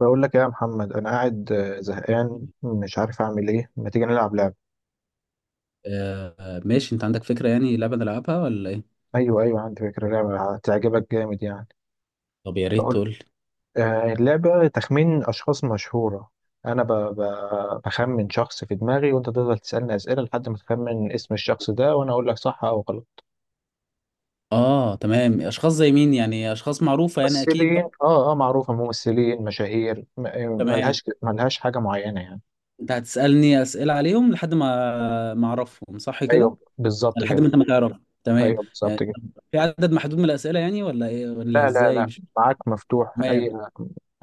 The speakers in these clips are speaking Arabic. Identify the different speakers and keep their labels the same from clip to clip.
Speaker 1: بقول لك إيه يا محمد، انا قاعد زهقان
Speaker 2: آه
Speaker 1: مش عارف اعمل ايه. ما تيجي نلعب لعبه؟
Speaker 2: ماشي انت عندك فكرة؟ يعني لعبة نلعبها ولا ايه؟
Speaker 1: ايوه ايوه، عندي فكره لعبه هتعجبك جامد يعني.
Speaker 2: طب يا ريت
Speaker 1: بقول.
Speaker 2: تقول لي.
Speaker 1: اللعبه تخمين اشخاص مشهوره. انا بخمن شخص في دماغي، وانت تفضل تسالني اسئله لحد ما تخمن اسم الشخص ده، وانا اقول لك صح او غلط.
Speaker 2: اه تمام، اشخاص زي مين؟ يعني اشخاص معروفة يعني اكيد بقى.
Speaker 1: ممثلين، اه اه، معروفه، ممثلين مشاهير
Speaker 2: تمام،
Speaker 1: ملهاش حاجه معينه يعني.
Speaker 2: انت هتسألني اسئلة عليهم لحد ما اعرفهم صح كده؟
Speaker 1: ايوه بالظبط
Speaker 2: لحد
Speaker 1: كده.
Speaker 2: ما انت ما تعرف. تمام
Speaker 1: ايوه
Speaker 2: يعني.
Speaker 1: بالظبط كده.
Speaker 2: في عدد محدود من الاسئلة يعني؟ ولا ايه ولا
Speaker 1: لا لا
Speaker 2: ازاي؟
Speaker 1: لا.
Speaker 2: مش
Speaker 1: معاك مفتوح،
Speaker 2: تمام.
Speaker 1: اي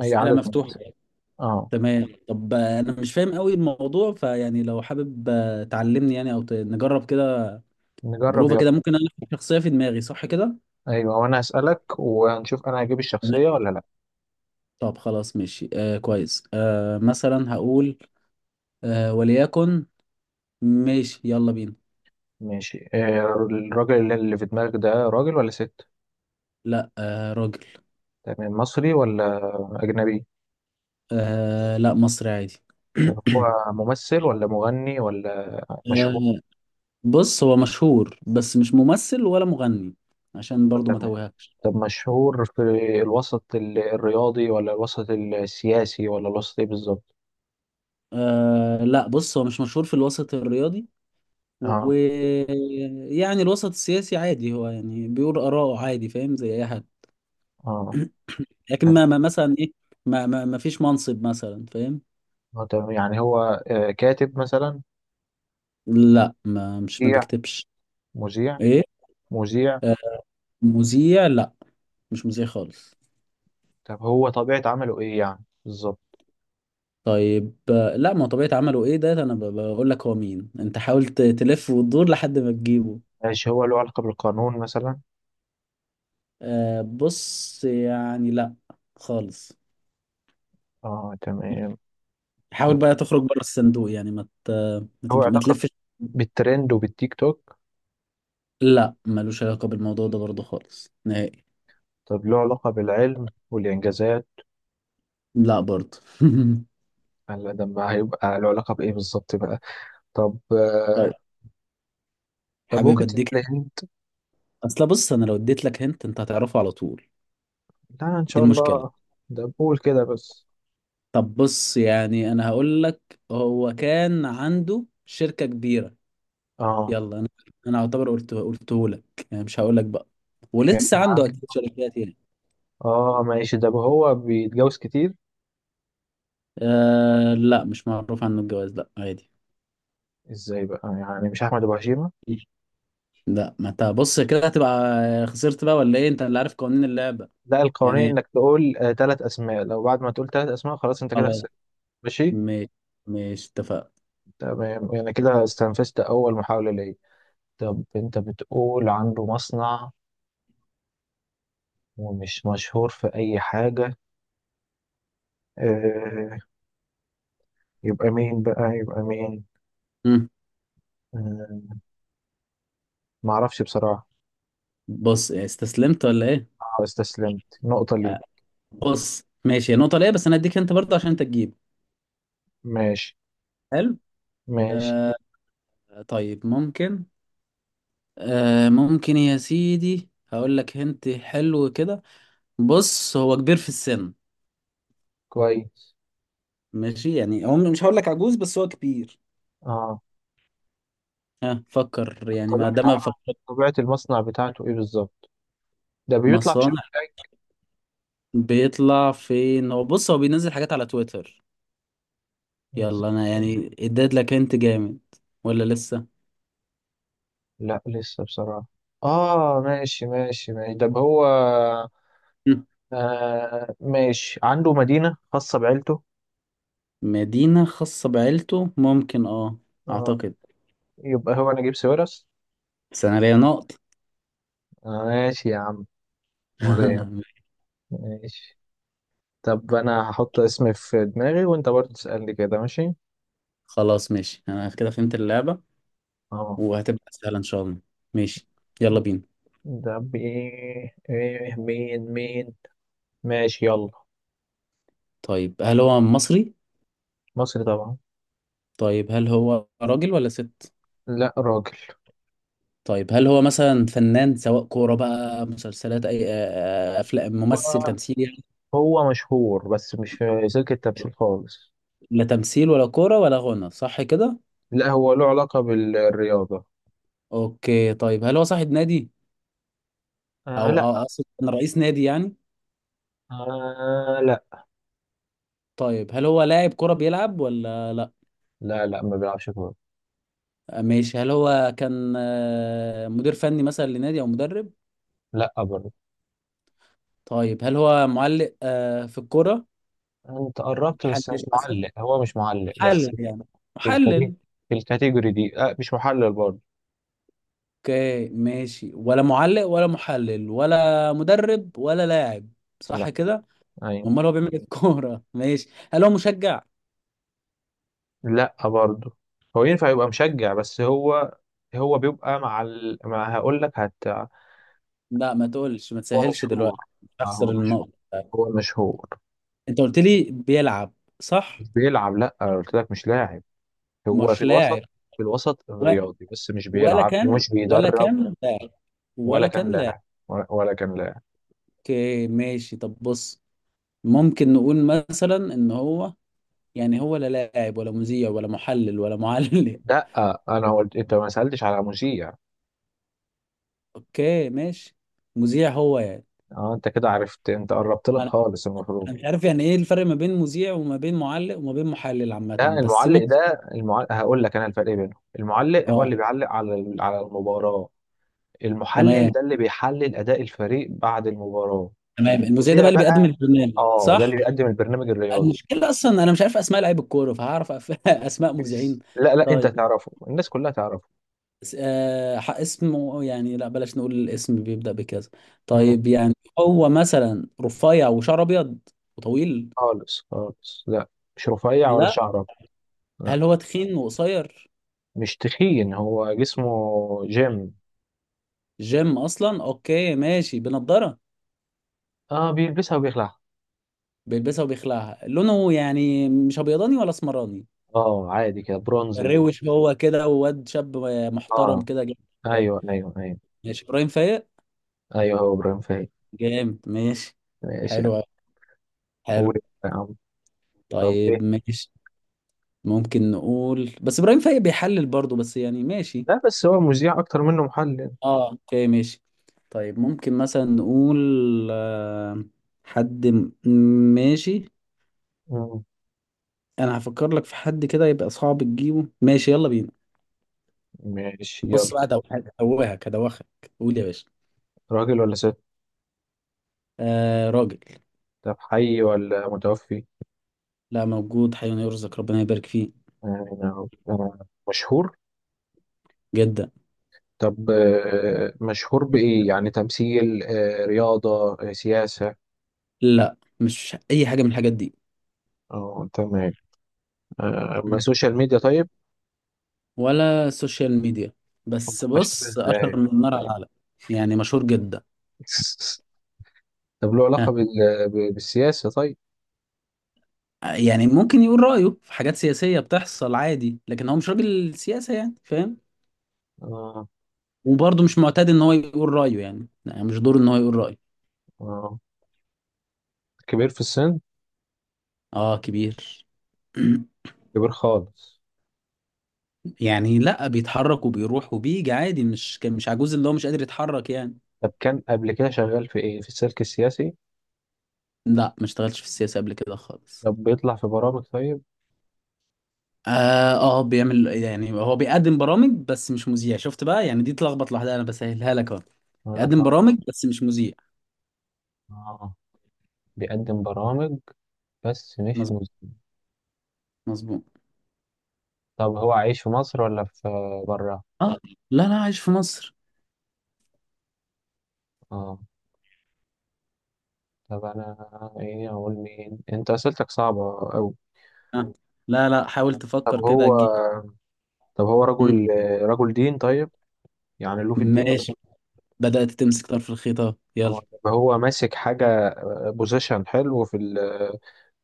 Speaker 1: اي
Speaker 2: اسئلة
Speaker 1: عدد من
Speaker 2: مفتوحة
Speaker 1: الاسئله.
Speaker 2: يعني.
Speaker 1: اه،
Speaker 2: تمام. طب انا مش فاهم قوي الموضوع، فيعني لو حابب تعلمني يعني او نجرب كده.
Speaker 1: نجرب
Speaker 2: بروفة
Speaker 1: يلا.
Speaker 2: كده ممكن. انا احط شخصية في دماغي صح كده؟
Speaker 1: ايوه، وانا هسألك وهنشوف انا هجيب الشخصية ولا لا.
Speaker 2: طب خلاص ماشي، آه كويس. آه مثلا هقول، آه وليكن. ماشي يلا بينا.
Speaker 1: ماشي. الراجل اللي في دماغك ده، راجل ولا ست؟
Speaker 2: لا آه راجل.
Speaker 1: تمام. مصري ولا اجنبي؟
Speaker 2: آه لا، مصري عادي.
Speaker 1: طب هو ممثل ولا مغني ولا مشهور؟
Speaker 2: آه بص هو مشهور بس مش ممثل ولا مغني، عشان برضو ما
Speaker 1: تمام.
Speaker 2: توهكش.
Speaker 1: طب مشهور في الوسط الرياضي، ولا الوسط السياسي، ولا الوسط ايه بالظبط؟
Speaker 2: آه لا، بص هو مش مشهور في الوسط الرياضي،
Speaker 1: اه
Speaker 2: ويعني الوسط السياسي عادي، هو يعني بيقول آراءه عادي فاهم، زي أي حد.
Speaker 1: اه،
Speaker 2: لكن
Speaker 1: تمام.
Speaker 2: مثلا إيه. ما فيش منصب مثلا فاهم.
Speaker 1: تمام. يعني هو كاتب مثلا؟
Speaker 2: لا ما مش ما
Speaker 1: مذيع؟
Speaker 2: بيكتبش.
Speaker 1: مذيع.
Speaker 2: ايه؟
Speaker 1: مذيع.
Speaker 2: آه، مذيع لا، مش مذيع خالص.
Speaker 1: طب هو طبيعة عمله ايه يعني بالظبط؟
Speaker 2: طيب لا ما هو طبيعة عمله ايه، ده انا بقول لك هو مين، انت حاول تلف وتدور لحد ما تجيبه.
Speaker 1: ماشي، هو له علاقة بالقانون مثلا؟
Speaker 2: آه، بص يعني لا، خالص.
Speaker 1: اه تمام.
Speaker 2: حاول بقى تخرج بره الصندوق، يعني
Speaker 1: هو
Speaker 2: ما
Speaker 1: علاقة
Speaker 2: تلفش.
Speaker 1: بالترند وبالتيك توك؟
Speaker 2: لا ملوش علاقة بالموضوع ده برضه خالص نهائي.
Speaker 1: طب له علاقة بالعلم والإنجازات؟
Speaker 2: لا برضه.
Speaker 1: هلا، ده ما هيبقى له علاقة بإيه بالظبط بقى؟ طب
Speaker 2: طيب،
Speaker 1: طب
Speaker 2: حابب
Speaker 1: ممكن
Speaker 2: اديك.
Speaker 1: تتلهمت؟
Speaker 2: اصل بص انا لو اديت لك هنت، انت هتعرفه على طول.
Speaker 1: لا، إن
Speaker 2: دي
Speaker 1: شاء
Speaker 2: المشكلة.
Speaker 1: الله. ده بقول كده بس.
Speaker 2: طب بص يعني انا هقول لك، هو كان عنده شركة كبيرة.
Speaker 1: اه
Speaker 2: يلا انا، انا اعتبر قلته لك، يعني مش هقول لك بقى.
Speaker 1: كان
Speaker 2: ولسه عنده اكيد
Speaker 1: عنده.
Speaker 2: شركات يعني.
Speaker 1: اه ماشي، ده هو بيتجوز كتير؟
Speaker 2: أه لا، مش معروف عنه الجواز، لا عادي.
Speaker 1: ازاي بقى، يعني مش أحمد أبو هشيمة؟
Speaker 2: لا ما انت بص كده هتبقى خسرت بقى ولا ايه، انت اللي عارف قوانين اللعبة.
Speaker 1: لا، القوانين
Speaker 2: يعني
Speaker 1: إنك تقول ثلاث أسماء، لو بعد ما تقول ثلاث أسماء خلاص أنت كده
Speaker 2: خلاص
Speaker 1: خسرت. ماشي.
Speaker 2: ماشي. ماشي اتفقنا.
Speaker 1: تمام، يعني كده استنفذت أول محاولة ليا. طب انت بتقول عنده مصنع ومش مشهور في اي حاجة، اه. يبقى مين بقى، يبقى مين؟
Speaker 2: مم.
Speaker 1: اه، معرفش بصراحة.
Speaker 2: بص استسلمت ولا ايه؟
Speaker 1: اه، استسلمت، نقطة
Speaker 2: آه،
Speaker 1: ليه.
Speaker 2: بص ماشي، هي نقطة ليه بس انا هديك انت برضه عشان انت تجيب.
Speaker 1: ماشي
Speaker 2: حلو.
Speaker 1: ماشي.
Speaker 2: آه طيب ممكن، آه ممكن يا سيدي هقول لك، هنت حلو كده. بص هو كبير في السن.
Speaker 1: كويس.
Speaker 2: ماشي يعني هو مش هقول لك عجوز بس هو كبير.
Speaker 1: اه،
Speaker 2: ها فكر يعني، ما
Speaker 1: طبيعة
Speaker 2: ده ما
Speaker 1: عمل
Speaker 2: فكر.
Speaker 1: طبيعة المصنع بتاعته ايه بالظبط؟ ده بيطلع في شركة
Speaker 2: مصانع.
Speaker 1: ايه؟
Speaker 2: بيطلع فين؟ هو بص هو بينزل حاجات على تويتر. يلا انا يعني اديت لك، انت جامد ولا لسه؟
Speaker 1: لا لسه بصراحة. اه ماشي ماشي ماشي. طب هو،
Speaker 2: مم.
Speaker 1: آه ماشي، عنده مدينة خاصة بعيلته؟
Speaker 2: مدينة خاصة بعيلته، ممكن اه،
Speaker 1: اه،
Speaker 2: اعتقد.
Speaker 1: يبقى هو نجيب ساويرس.
Speaker 2: بس انا ليا نقط.
Speaker 1: آه ماشي يا عم، ولا يهمك. ماشي. طب انا هحط اسم في دماغي وانت برضه تسألني كده، ماشي؟
Speaker 2: خلاص ماشي، انا كده فهمت اللعبة،
Speaker 1: اه.
Speaker 2: وهتبقى سهلة ان شاء الله. ماشي يلا بينا.
Speaker 1: ده بايه، ايه، مين مين؟ ماشي يلا.
Speaker 2: طيب هل هو مصري؟
Speaker 1: مصري طبعا.
Speaker 2: طيب هل هو راجل ولا ست؟
Speaker 1: لا، راجل.
Speaker 2: طيب هل هو مثلا فنان، سواء كورة بقى، مسلسلات، أي أفلام، ممثل،
Speaker 1: هو
Speaker 2: تمثيل يعني؟
Speaker 1: هو مشهور بس مش في سلك التمثيل خالص.
Speaker 2: لا تمثيل ولا كورة ولا غنى، صح كده؟
Speaker 1: لا، هو له علاقة بالرياضة.
Speaker 2: أوكي طيب هل هو صاحب نادي؟
Speaker 1: آه
Speaker 2: أو
Speaker 1: لا.
Speaker 2: أو أقصد كان رئيس نادي يعني؟
Speaker 1: آه لا.
Speaker 2: طيب هل هو لاعب كورة بيلعب ولا لأ؟
Speaker 1: لا لا، ما بيلعبش كورة.
Speaker 2: آه، ماشي. هل هو كان مدير فني مثلا لنادي أو مدرب؟
Speaker 1: لا برضه.
Speaker 2: طيب هل هو معلق في الكورة؟
Speaker 1: انت قربت بس مش
Speaker 2: محلل مثلا؟
Speaker 1: معلق، هو مش معلق
Speaker 2: محلل
Speaker 1: بس.
Speaker 2: يعني،
Speaker 1: في الكاتيجوري
Speaker 2: محلل.
Speaker 1: في الكاتيجوري دي مش محلل برضه.
Speaker 2: اوكي ماشي، ولا معلق ولا محلل ولا مدرب ولا لاعب،
Speaker 1: لا.
Speaker 2: صح كده؟
Speaker 1: ايوه.
Speaker 2: امال هو بيعمل إيه في الكوره؟ ماشي هل هو مشجع؟
Speaker 1: لا برضه. هو ينفع يبقى مشجع بس هو بيبقى مع ما هقول لك. هت.
Speaker 2: لا ما تقولش، ما
Speaker 1: هو
Speaker 2: تسهلش
Speaker 1: مشهور.
Speaker 2: دلوقتي، اخسر
Speaker 1: هو مشهور.
Speaker 2: النقطه.
Speaker 1: هو مشهور.
Speaker 2: انت قلت لي بيلعب، صح؟
Speaker 1: مش بيلعب، لا أنا قلت لك مش لاعب. هو
Speaker 2: مش
Speaker 1: في
Speaker 2: لاعب.
Speaker 1: الوسط في الوسط
Speaker 2: و...
Speaker 1: الرياضي، بس مش بيلعب ومش
Speaker 2: ولا
Speaker 1: بيدرب.
Speaker 2: كان لاعب.
Speaker 1: ولا
Speaker 2: ولا
Speaker 1: كان
Speaker 2: كان لاعب.
Speaker 1: لاعب. ولا كان لاعب.
Speaker 2: اوكي ماشي طب بص، ممكن نقول مثلا ان هو يعني هو لا لاعب ولا مذيع ولا محلل ولا معلق.
Speaker 1: لا، انا قلت، انت ما سألتش على مذيع.
Speaker 2: اوكي ماشي. مذيع هو يعني؟
Speaker 1: اه، انت كده عرفت، انت قربت لك
Speaker 2: ما انا
Speaker 1: خالص المفروض.
Speaker 2: مش عارف يعني ايه الفرق ما بين مذيع وما بين معلق وما بين محلل
Speaker 1: لا،
Speaker 2: عامة، بس
Speaker 1: المعلق
Speaker 2: ماشي.
Speaker 1: ده، المعلق هقول لك انا الفرق بينهم. المعلق هو
Speaker 2: اه
Speaker 1: اللي بيعلق على على المباراة. المحلل
Speaker 2: تمام.
Speaker 1: ده اللي بيحلل أداء الفريق بعد المباراة.
Speaker 2: تمام المذيع ده
Speaker 1: المذيع
Speaker 2: بقى اللي بيقدم
Speaker 1: بقى،
Speaker 2: البرنامج
Speaker 1: اه، ده
Speaker 2: صح؟
Speaker 1: اللي بيقدم البرنامج الرياضي.
Speaker 2: المشكلة اصلا انا مش عارف اسماء لعيب الكورة، فهعرف اسماء مذيعين؟
Speaker 1: بس لا لا، انت
Speaker 2: طيب
Speaker 1: تعرفه، الناس كلها تعرفه.
Speaker 2: آه اسمه يعني، لا بلاش نقول الاسم بيبدأ بكذا.
Speaker 1: مم.
Speaker 2: طيب يعني هو مثلا رفيع وشعر ابيض وطويل؟
Speaker 1: خالص خالص، لا. مش رفيع ولا
Speaker 2: لا.
Speaker 1: شعرة. لا،
Speaker 2: هل هو تخين وقصير؟
Speaker 1: مش تخين، هو جسمه جيم.
Speaker 2: جيم اصلا، اوكي ماشي. بنضارة؟
Speaker 1: اه، بيلبسها وبيخلعها.
Speaker 2: بيلبسها وبيخلعها، لونه يعني مش ابيضاني ولا اسمراني؟
Speaker 1: اه، عادي كده، برونز كده.
Speaker 2: روش هو كده، وواد شاب محترم
Speaker 1: اه،
Speaker 2: كده جامد؟
Speaker 1: ايوه ايوه ايوه.
Speaker 2: ماشي، ابراهيم فايق؟
Speaker 1: ايوه، هو ابراهيم فايق.
Speaker 2: جامد ماشي.
Speaker 1: ماشي يعني.
Speaker 2: حلو أوي،
Speaker 1: قول
Speaker 2: حلو.
Speaker 1: يا عم. طب
Speaker 2: طيب
Speaker 1: ايه؟
Speaker 2: ماشي. ممكن نقول بس ابراهيم فايق بيحلل برضه، بس يعني ماشي.
Speaker 1: لا، بس هو مذيع اكتر منه محلل.
Speaker 2: اه اوكي ماشي. طيب ممكن مثلا نقول، آه، حد ماشي،
Speaker 1: مم.
Speaker 2: انا هفكر لك في حد كده يبقى صعب تجيبه. ماشي يلا بينا.
Speaker 1: ماشي
Speaker 2: بص
Speaker 1: يلا.
Speaker 2: بقى هدوخك، هدوخك. قول يا باشا.
Speaker 1: راجل ولا ست؟
Speaker 2: آه راجل.
Speaker 1: طب حي ولا متوفي؟
Speaker 2: لا موجود، حي يرزق ربنا يبارك فيه.
Speaker 1: آه، آه، مشهور.
Speaker 2: جدا.
Speaker 1: طب مشهور بإيه يعني، تمثيل، رياضة، سياسة؟
Speaker 2: لا مش اي حاجه من الحاجات دي.
Speaker 1: اه تمام. ما سوشيال ميديا طيب.
Speaker 2: ولا سوشيال ميديا،
Speaker 1: أمال
Speaker 2: بس
Speaker 1: مشهور
Speaker 2: بص اشهر
Speaker 1: ازاي؟
Speaker 2: من النار على العالم. يعني مشهور جدا.
Speaker 1: طب له
Speaker 2: ها،
Speaker 1: علاقة بالسياسة طيب؟
Speaker 2: يعني ممكن يقول رايه في حاجات سياسيه بتحصل عادي، لكن هو مش راجل سياسه، يعني فاهم.
Speaker 1: آه،
Speaker 2: وبرضه مش معتاد ان هو يقول رايه، يعني يعني مش دوره ان هو يقول رايه.
Speaker 1: آه. كبير في السن.
Speaker 2: اه كبير.
Speaker 1: كبير خالص.
Speaker 2: يعني لا بيتحرك وبيروح وبيجي عادي، مش كان مش عجوز اللي هو مش قادر يتحرك يعني.
Speaker 1: طب كان قبل كده شغال في ايه، في السلك السياسي؟
Speaker 2: لا ما اشتغلتش في السياسه قبل كده خالص.
Speaker 1: طب بيطلع في برامج طيب.
Speaker 2: اه، بيعمل يعني هو بيقدم برامج بس مش مذيع، شفت بقى يعني دي تلخبط لوحدها، انا بسهلها لك اهو. يقدم
Speaker 1: اطلع.
Speaker 2: برامج بس مش مذيع،
Speaker 1: اه، بيقدم برامج بس مش
Speaker 2: مظبوط
Speaker 1: مذيع.
Speaker 2: مظبوط.
Speaker 1: طب هو عايش في مصر ولا في برا؟
Speaker 2: اه لا لا، عايش في مصر.
Speaker 1: اه. طب انا ايه، اقول مين، انت اسئلتك صعبة اوي.
Speaker 2: آه. لا لا، حاول
Speaker 1: طب
Speaker 2: تفكر كده
Speaker 1: هو
Speaker 2: تجيب.
Speaker 1: طب هو
Speaker 2: مم.
Speaker 1: رجل. رجل دين طيب؟ يعني له في الدين وكده؟
Speaker 2: ماشي. بدأت تمسك طرف الخيطة، يلا.
Speaker 1: طب هو ماسك حاجة، بوزيشن حلو في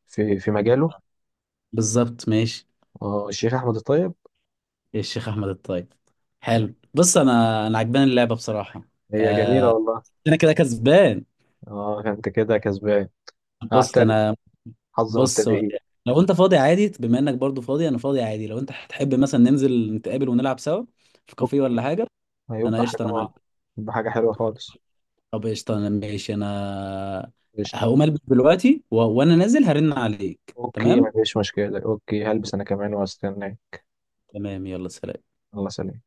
Speaker 1: في مجاله.
Speaker 2: بالظبط ماشي.
Speaker 1: اه، الشيخ احمد الطيب.
Speaker 2: إيه الشيخ احمد الطيب؟
Speaker 1: آه،
Speaker 2: حلو بص، انا عجباني اللعبة بصراحة.
Speaker 1: هي جميلة
Speaker 2: آه.
Speaker 1: والله.
Speaker 2: انا كده كسبان.
Speaker 1: اه، انت كده كسبان.
Speaker 2: بص
Speaker 1: اعترف.
Speaker 2: انا
Speaker 1: حظ
Speaker 2: بص
Speaker 1: مبتدئين.
Speaker 2: لو انت فاضي عادي، بما انك برضو فاضي، انا فاضي عادي، لو انت هتحب مثلا ننزل نتقابل ونلعب سوا في كافيه
Speaker 1: أوكي،
Speaker 2: ولا حاجه. انا
Speaker 1: هيبقى حاجة.
Speaker 2: قشطه انا معاك.
Speaker 1: يبقى حاجة حلوة خالص.
Speaker 2: طب قشطه انا ماشي، انا
Speaker 1: قشطة.
Speaker 2: هقوم البس دلوقتي وانا نازل هرن عليك.
Speaker 1: اوكي
Speaker 2: تمام
Speaker 1: مفيش مشكلة، اوكي هلبس انا كمان واستناك.
Speaker 2: تمام، يلا سلام.
Speaker 1: الله، سلام.